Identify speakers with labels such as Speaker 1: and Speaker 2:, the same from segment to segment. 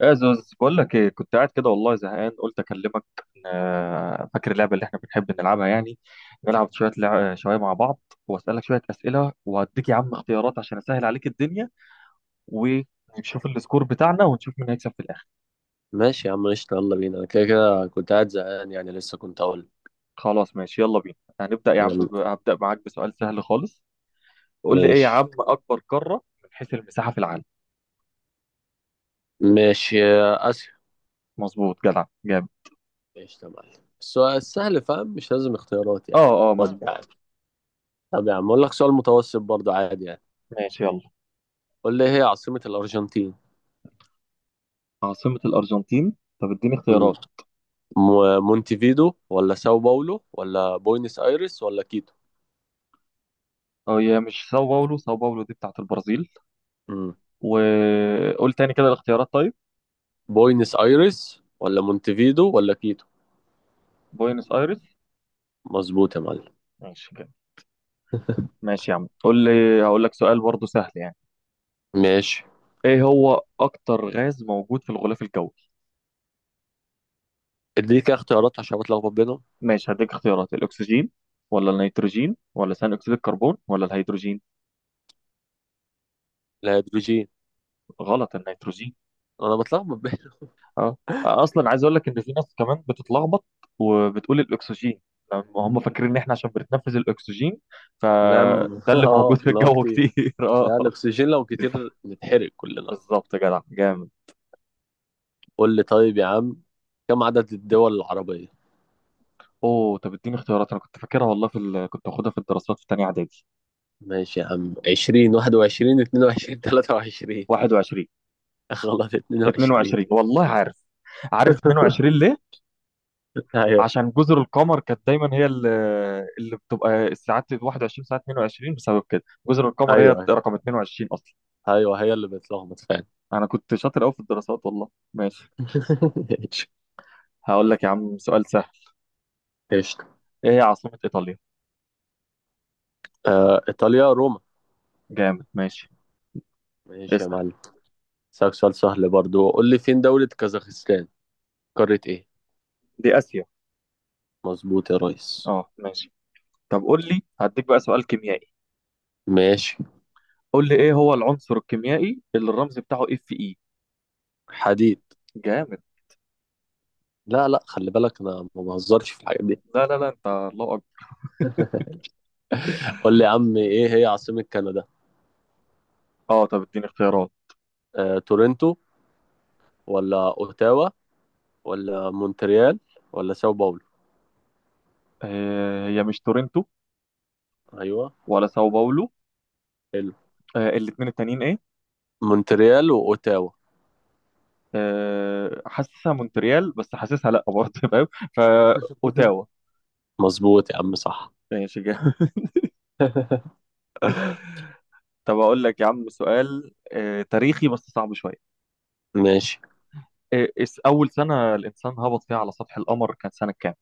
Speaker 1: يا زوز بقول لك ايه، كنت قاعد كده والله زهقان قلت اكلمك. فاكر اللعبه اللي احنا بنحب نلعبها يعني. نلعب شويه مع بعض، واسالك شويه اسئله وهديك يا عم اختيارات عشان اسهل عليك الدنيا، ونشوف السكور بتاعنا ونشوف مين هيكسب في الاخر.
Speaker 2: ماشي يا عم، قشطة، يلا بينا. أنا كده كده كنت قاعد زهقان يعني، لسه كنت أقول
Speaker 1: خلاص ماشي يلا بينا، هنبدا يا عم،
Speaker 2: يلا.
Speaker 1: هبدا معاك بسؤال سهل خالص. قول لي ايه يا
Speaker 2: ماشي.
Speaker 1: عم اكبر قاره من حيث المساحه في العالم؟
Speaker 2: ماشي يا آسيا.
Speaker 1: مظبوط جدع جامد.
Speaker 2: قشطة يا معلم، السؤال سهل فاهم، مش لازم اختيارات يعني.
Speaker 1: اه اه
Speaker 2: خد يا عم.
Speaker 1: مظبوط.
Speaker 2: طب يا عم، أقول لك سؤال متوسط برضه عادي يعني.
Speaker 1: ماشي يلا.
Speaker 2: قول لي إيه هي عاصمة الأرجنتين؟
Speaker 1: عاصمه الارجنتين، طب اديني
Speaker 2: مم.
Speaker 1: اختيارات.
Speaker 2: مونتيفيدو ولا ساو باولو ولا بوينس آيرس ولا كيتو؟
Speaker 1: اه هي مش ساو باولو، ساو باولو دي بتاعت البرازيل.
Speaker 2: مم.
Speaker 1: وقول تاني كده الاختيارات طيب.
Speaker 2: بوينس آيرس ولا مونتيفيدو ولا كيتو؟
Speaker 1: بوينس ايرس.
Speaker 2: مظبوط يا معلم.
Speaker 1: ماشي كده. ماشي يا عم قول لي. هقول لك سؤال برضه سهل يعني.
Speaker 2: ماشي.
Speaker 1: ايه هو اكتر غاز موجود في الغلاف الجوي؟
Speaker 2: اديني كده اختيارات عشان بتلخبط بينهم.
Speaker 1: ماشي هديك اختيارات، الاكسجين ولا النيتروجين ولا ثاني اكسيد الكربون ولا الهيدروجين؟
Speaker 2: الهيدروجين.
Speaker 1: غلط، النيتروجين.
Speaker 2: انا بتلخبط.
Speaker 1: اه. اصلا عايز اقول لك ان في ناس كمان بتتلخبط وبتقول الاكسجين، لما هم فاكرين ان احنا عشان بنتنفس الاكسجين
Speaker 2: لم
Speaker 1: فده اللي موجود
Speaker 2: اه
Speaker 1: في
Speaker 2: اللي هو
Speaker 1: الجو
Speaker 2: كتير.
Speaker 1: كتير. اه.
Speaker 2: لا الاكسجين لو كتير نتحرق كلنا.
Speaker 1: بالظبط يا جدع جامد.
Speaker 2: قول لي طيب يا عم، كم عدد الدول العربية؟
Speaker 1: اوه طب اديني اختيارات، انا كنت فاكرها والله، كنت واخدها في الدراسات في تانية اعدادي.
Speaker 2: ماشي يا عم، 20 21 22 23.
Speaker 1: 21.
Speaker 2: غلط، 22
Speaker 1: 22 والله عارف. عارف 22 ليه؟
Speaker 2: ايوه
Speaker 1: عشان جزر القمر كانت دايما هي اللي بتبقى الساعات 21 ساعه 22 بسبب كده. جزر القمر هي
Speaker 2: ايوه. ايوه
Speaker 1: رقم 22 اصلا.
Speaker 2: ايوه، هي اللي بتلخبط فعلا.
Speaker 1: انا كنت شاطر قوي في الدراسات والله. ماشي،
Speaker 2: ايش.
Speaker 1: هقول لك يا عم سؤال سهل.
Speaker 2: ايش.
Speaker 1: ايه هي عاصمة ايطاليا؟
Speaker 2: آه ايطاليا، روما.
Speaker 1: جامد ماشي.
Speaker 2: ماشي يا
Speaker 1: اسأل.
Speaker 2: معلم. اسالك سؤال سهل برضو، قول لي فين دولة كازاخستان، قارة ايه؟
Speaker 1: دي اسيا.
Speaker 2: مظبوط يا ريس.
Speaker 1: اه ماشي. طب قول لي، هديك بقى سؤال كيميائي.
Speaker 2: ماشي.
Speaker 1: قول لي ايه هو العنصر الكيميائي اللي الرمز بتاعه اف اي؟
Speaker 2: حديد.
Speaker 1: جامد.
Speaker 2: لا لا، خلي بالك انا ما بهزرش في الحاجات دي.
Speaker 1: لا لا لا، انت الله اكبر.
Speaker 2: قول لي يا عم، ايه هي عاصمة كندا؟
Speaker 1: اه طب اديني اختيارات.
Speaker 2: تورنتو ولا اوتاوا ولا مونتريال ولا ساو باولو؟
Speaker 1: هي مش تورنتو
Speaker 2: ايوه.
Speaker 1: ولا ساو باولو.
Speaker 2: حلو.
Speaker 1: الاتنين التانيين ايه؟
Speaker 2: مونتريال واوتاوا.
Speaker 1: حاسسها مونتريال بس حاسسها لا برضه، فاهم، فا اوتاوا.
Speaker 2: مظبوط يا عم، صح.
Speaker 1: ماشي جامد. طب اقول لك يا عم سؤال تاريخي بس صعب شويه.
Speaker 2: ماشي.
Speaker 1: اول سنه الانسان هبط فيها على سطح القمر كانت سنه كام؟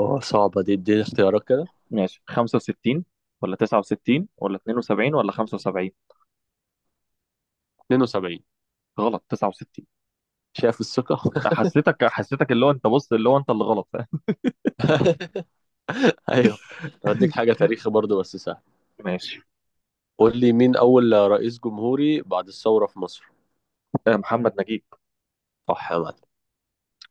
Speaker 2: اه صعبة دي، اديني اختيارات كده.
Speaker 1: ماشي، 65 ولا 69 ولا 72 ولا 75؟
Speaker 2: 72.
Speaker 1: غلط، 69.
Speaker 2: شايف الثقة.
Speaker 1: حسيتك حسيتك، اللي هو انت بص، اللي هو انت اللي غلط، فاهم.
Speaker 2: ايوه. هديك حاجة تاريخي برضو بس سهل.
Speaker 1: ماشي.
Speaker 2: قول لي مين اول رئيس جمهوري بعد الثورة في مصر؟
Speaker 1: محمد نجيب.
Speaker 2: صح يا معلم.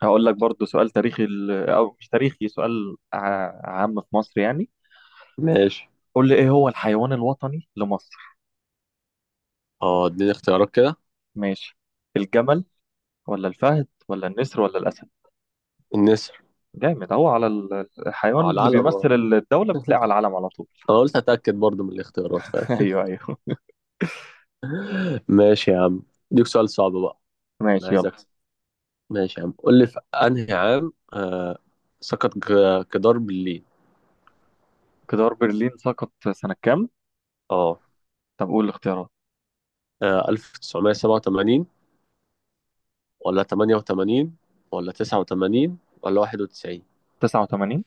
Speaker 1: هقول لك برضو سؤال تاريخي، او مش تاريخي، سؤال عام في مصر يعني.
Speaker 2: ماشي.
Speaker 1: قول لي ايه هو الحيوان الوطني لمصر؟
Speaker 2: اه اديني اختيارات كده.
Speaker 1: ماشي، الجمل ولا الفهد ولا النسر ولا الاسد؟
Speaker 2: الناس.
Speaker 1: جامد اهو، على الحيوان
Speaker 2: اه
Speaker 1: اللي
Speaker 2: العلم
Speaker 1: بيمثل
Speaker 2: اه.
Speaker 1: الدولة بتلاقيه على العلم على طول.
Speaker 2: انا قلت اتاكد برضو من الاختيارات فاهم
Speaker 1: ايوه ايوه.
Speaker 2: ماشي يا عم. ديك سؤال صعب بقى. انا
Speaker 1: ماشي
Speaker 2: عايز
Speaker 1: يلا.
Speaker 2: اكسب. ماشي يا عم، قول لي في انهي عام سقط جدار برلين.
Speaker 1: جدار برلين سقط سنة كام؟
Speaker 2: اه.
Speaker 1: طب قول الاختيارات.
Speaker 2: 1987 ولا 88 ولا 89 ولا 91؟
Speaker 1: 89.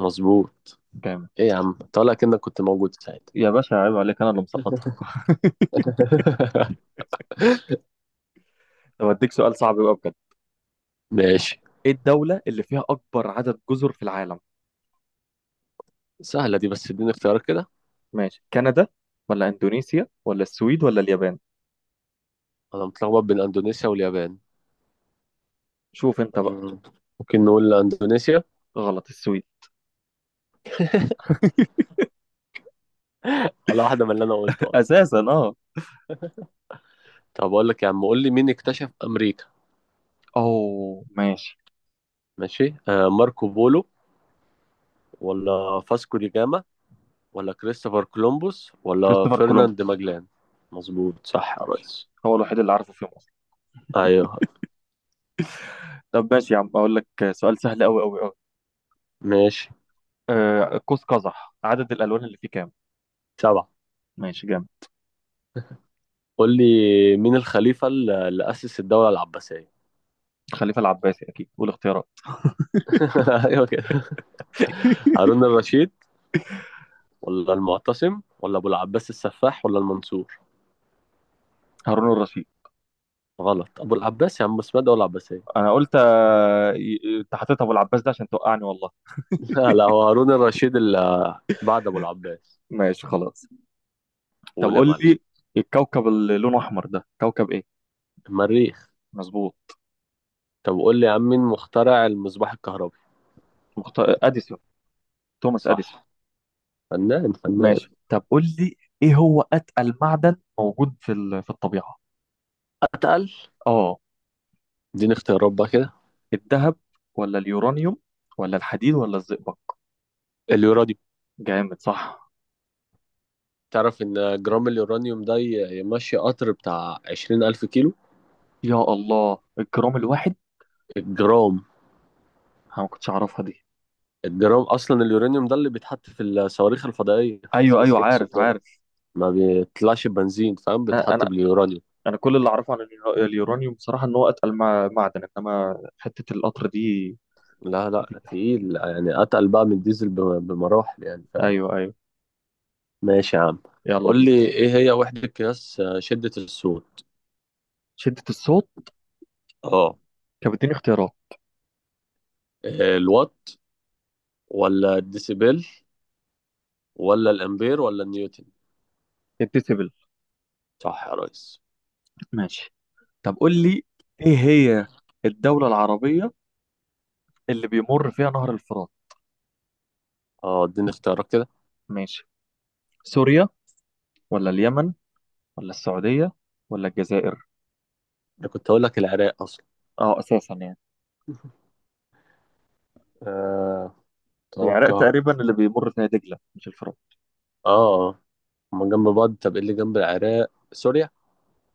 Speaker 2: مظبوط.
Speaker 1: جامد.
Speaker 2: ايه يا عم طالع كأنك كنت موجود ساعتها.
Speaker 1: يا باشا عيب عليك، انا اللي مسقطها. طب اديك سؤال صعب بقى بجد.
Speaker 2: ماشي.
Speaker 1: ايه الدولة اللي فيها اكبر عدد جزر في العالم؟
Speaker 2: سهلة دي بس اديني اختيارات كده.
Speaker 1: ماشي، كندا ولا اندونيسيا ولا السويد ولا اليابان؟
Speaker 2: انا متلخبط بين اندونيسيا واليابان.
Speaker 1: شوف انت بقى.
Speaker 2: مم. ممكن نقول اندونيسيا.
Speaker 1: غلط، السويد.
Speaker 2: ولا واحدة من اللي انا قلته.
Speaker 1: اساسا اه.
Speaker 2: طب اقول لك يا عم، قول لي مين اكتشف امريكا؟
Speaker 1: اوه ماشي.
Speaker 2: ماشي. ماركو بولو ولا فاسكو دي جاما ولا كريستوفر كولومبوس ولا
Speaker 1: كريستوفر
Speaker 2: فرناند
Speaker 1: كولومبوس
Speaker 2: ماجلان؟ مظبوط صح يا ريس.
Speaker 1: هو الوحيد اللي عارفه فيهم اصلا.
Speaker 2: ايوه.
Speaker 1: طب ماشي يا عم اقول لك سؤال سهل قوي قوي قوي.
Speaker 2: ماشي.
Speaker 1: آه قوس قزح، عدد الالوان اللي فيه كام؟
Speaker 2: سبعة.
Speaker 1: ماشي جامد.
Speaker 2: قول لي مين الخليفة اللي أسس الدولة العباسية؟
Speaker 1: الخليفه العباسي اكيد، والاختيارات؟
Speaker 2: ايوه كده. هارون الرشيد ولا المعتصم ولا ابو العباس السفاح ولا المنصور؟
Speaker 1: هارون الرشيد.
Speaker 2: غلط، ابو العباس يا عم، اسمها دولة عباسية.
Speaker 1: انا قلت، انت حطيت ابو العباس ده عشان توقعني والله.
Speaker 2: لا لا، هو هارون الرشيد اللي بعد ابو العباس.
Speaker 1: ماشي خلاص. طب
Speaker 2: قول يا
Speaker 1: قول
Speaker 2: معلم.
Speaker 1: لي، الكوكب اللي لونه احمر ده كوكب ايه؟
Speaker 2: المريخ.
Speaker 1: مظبوط.
Speaker 2: طب قول لي يا عم، مين مخترع المصباح الكهربي؟
Speaker 1: اديسون، توماس اديسون.
Speaker 2: صح. فنان فنان.
Speaker 1: ماشي، طب قول لي ايه هو اتقل معدن موجود في الطبيعه.
Speaker 2: اتقل.
Speaker 1: اه.
Speaker 2: اديني اختيارات بقى كده.
Speaker 1: الذهب ولا اليورانيوم ولا الحديد ولا الزئبق؟
Speaker 2: اليورانيوم.
Speaker 1: جامد صح.
Speaker 2: تعرف ان جرام اليورانيوم ده يمشي قطر بتاع 20,000 كيلو.
Speaker 1: يا الله الجرام الواحد.
Speaker 2: الجرام.
Speaker 1: انا ما كنتش اعرفها دي.
Speaker 2: الجرام أصلا اليورانيوم ده اللي بيتحط في الصواريخ الفضائية في
Speaker 1: ايوه
Speaker 2: سبيس
Speaker 1: ايوه،
Speaker 2: إكس
Speaker 1: عارف
Speaker 2: وكده.
Speaker 1: عارف.
Speaker 2: ما بيطلعش بنزين فاهم،
Speaker 1: انا
Speaker 2: بيتحط
Speaker 1: انا
Speaker 2: باليورانيوم.
Speaker 1: أنا كل اللي اعرفه عن اليورانيوم بصراحه ان هو اتقل معدن، انما حته القطر دي
Speaker 2: لا
Speaker 1: جديدة.
Speaker 2: لا تقيل يعني، أتقل بقى من الديزل بمراحل يعني فاهم.
Speaker 1: ايوه ايوه.
Speaker 2: ماشي يا عم.
Speaker 1: يلا
Speaker 2: قول
Speaker 1: بينا.
Speaker 2: لي إيه هي وحدة قياس شدة الصوت؟
Speaker 1: شده الصوت.
Speaker 2: اه.
Speaker 1: كانت بتديني اختيارات.
Speaker 2: الوات ولا الديسيبل ولا الامبير ولا النيوتن؟
Speaker 1: الديسيبل.
Speaker 2: صح يا ريس.
Speaker 1: ماشي. طب قول لي، ايه هي الدوله العربيه اللي بيمر فيها نهر الفرات؟
Speaker 2: اه اديني اختيارات كده.
Speaker 1: ماشي، سوريا ولا اليمن ولا السعودية ولا الجزائر؟
Speaker 2: انا كنت اقول لك العراق اصلا.
Speaker 1: اه اساسا يعني.
Speaker 2: آه،
Speaker 1: العراق
Speaker 2: اتوقع.
Speaker 1: تقريبا اللي بيمر فيها دجلة مش الفرات.
Speaker 2: اه. هما جنب بعض. طب ايه اللي جنب العراق؟ سوريا.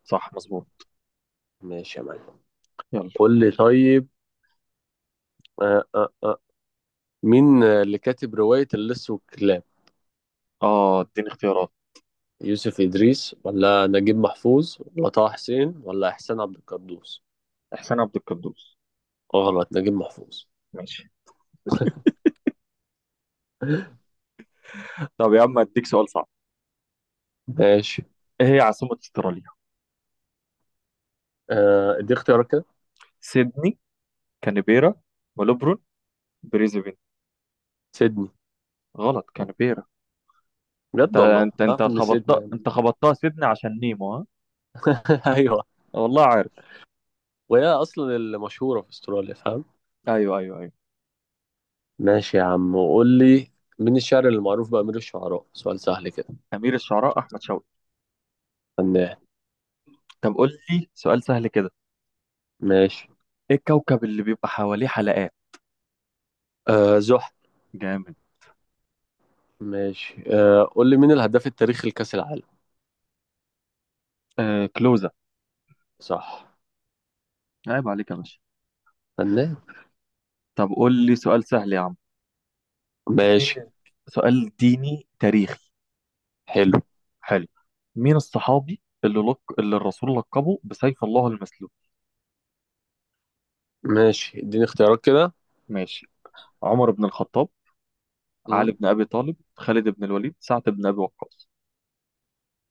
Speaker 1: صح مظبوط.
Speaker 2: ماشي يا معلم.
Speaker 1: يلا.
Speaker 2: قول لي طيب. آه آه آه. مين اللي كاتب رواية اللص والكلاب؟
Speaker 1: اه اديني اختيارات.
Speaker 2: يوسف إدريس ولا نجيب محفوظ ولا طه حسين ولا إحسان عبد القدوس؟
Speaker 1: احسان عبد القدوس.
Speaker 2: غلط، نجيب محفوظ.
Speaker 1: ماشي. طب يا عم اديك سؤال صعب.
Speaker 2: ماشي.
Speaker 1: ايه هي عاصمة استراليا؟
Speaker 2: آه، دي اختيارات كده.
Speaker 1: سيدني، كانبيرا، ملبورن، بريزبين.
Speaker 2: سيدني.
Speaker 1: غلط، كانبيرا. انت
Speaker 2: بجد والله
Speaker 1: انت انت
Speaker 2: تعرف ان
Speaker 1: خبطتها،
Speaker 2: سيدني.
Speaker 1: انت خبطتها سيدني عشان نيمو ها.
Speaker 2: أيوه.
Speaker 1: والله عارف.
Speaker 2: وهي أصلًا المشهورة في أستراليا فاهم؟
Speaker 1: ايوه ايوه ايوه.
Speaker 2: ماشي يا عم، وقُل لي، مين الشاعر اللي معروف بأمير الشعراء؟ سؤال سهل كده.
Speaker 1: امير الشعراء احمد شوقي.
Speaker 2: فنان.
Speaker 1: طب قول لي سؤال سهل كده.
Speaker 2: ماشي.
Speaker 1: ايه الكوكب اللي بيبقى حواليه حلقات؟
Speaker 2: زُحل.
Speaker 1: جامد.
Speaker 2: ماشي. قُل لي مين الهداف التاريخي لكأس العالم؟
Speaker 1: آه كلوزة.
Speaker 2: صح.
Speaker 1: عيب عليك يا باشا.
Speaker 2: فنان.
Speaker 1: طب قول لي سؤال سهل يا عم. مين
Speaker 2: ماشي.
Speaker 1: ال- سؤال ديني تاريخي.
Speaker 2: حلو.
Speaker 1: حلو. مين الصحابي اللي الرسول لقبه بسيف الله المسلول؟
Speaker 2: ماشي، اديني اختيارات كده.
Speaker 1: ماشي، عمر بن الخطاب،
Speaker 2: إمم،
Speaker 1: علي بن ابي طالب، خالد بن الوليد، سعد بن ابي وقاص.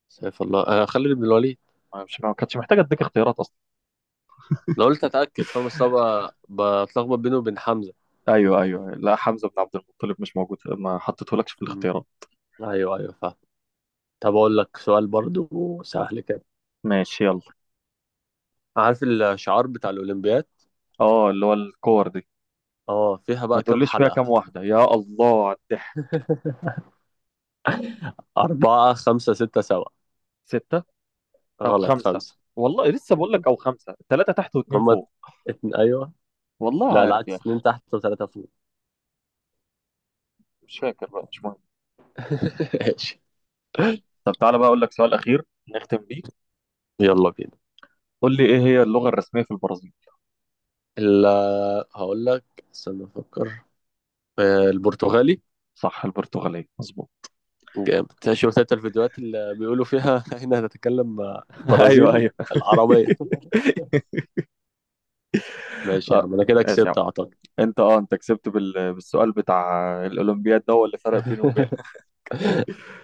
Speaker 2: سيف الله خالد بن الوليد.
Speaker 1: أنا مش ما كانتش محتاجه اديك اختيارات اصلا.
Speaker 2: أنا قُلت أتأكد فاهم، أصل أنا باتلخبط بينه وبين حمزة.
Speaker 1: ايوه ايوه، لا، حمزه بن عبد المطلب مش موجود، ما حطيتهولكش في
Speaker 2: إمم،
Speaker 1: الاختيارات.
Speaker 2: أيوه. أيوه فاهم. طَب أقول لك سؤال برضه سهل كده.
Speaker 1: ماشي يلا.
Speaker 2: عارف الشعار بتاع الأولمبياد؟
Speaker 1: اه اللي هو الكور دي.
Speaker 2: اه فيها
Speaker 1: ما
Speaker 2: بقى كام
Speaker 1: تقوليش فيها
Speaker 2: حلقة؟
Speaker 1: كام واحده، يا الله على الضحك.
Speaker 2: أربعة خمسة ستة سبعة.
Speaker 1: ستة. أو
Speaker 2: غلط،
Speaker 1: خمسة.
Speaker 2: خمسة.
Speaker 1: والله لسه بقول لك أو خمسة، ثلاثة تحت واتنين
Speaker 2: هما
Speaker 1: فوق.
Speaker 2: أيوه.
Speaker 1: والله
Speaker 2: لا
Speaker 1: عارف يا
Speaker 2: العكس،
Speaker 1: أخي.
Speaker 2: اتنين تحت وتلاتة فوق.
Speaker 1: مش فاكر بقى، مش مهم.
Speaker 2: ماشي.
Speaker 1: طب تعالى بقى أقول لك سؤال أخير نختم بيه.
Speaker 2: يلا بينا.
Speaker 1: قول لي إيه هي اللغة الرسمية في البرازيل؟
Speaker 2: ال هقول لك. استنى أفكر. البرتغالي.
Speaker 1: صح، البرتغالية مظبوط.
Speaker 2: جامد. شفت انت الفيديوهات اللي بيقولوا فيها هنا هنتكلم مع
Speaker 1: أيوه
Speaker 2: البرازيل
Speaker 1: أيوه.
Speaker 2: العربية. ماشي يا
Speaker 1: آه،
Speaker 2: عم أنا كده
Speaker 1: ماشي يا
Speaker 2: كسبت
Speaker 1: عم.
Speaker 2: أعتقد.
Speaker 1: أنت أنت كسبت بالسؤال بتاع الأولمبياد، ده هو اللي فرق بيني وبينك.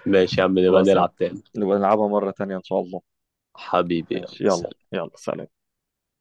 Speaker 2: ماشي يا عم نبقى
Speaker 1: خلاص يا عم،
Speaker 2: نلعب تاني.
Speaker 1: نبقى نلعبها مرة تانية إن شاء الله.
Speaker 2: حبيبي يلا
Speaker 1: ماشي يلا
Speaker 2: سلام.
Speaker 1: يلا سلام.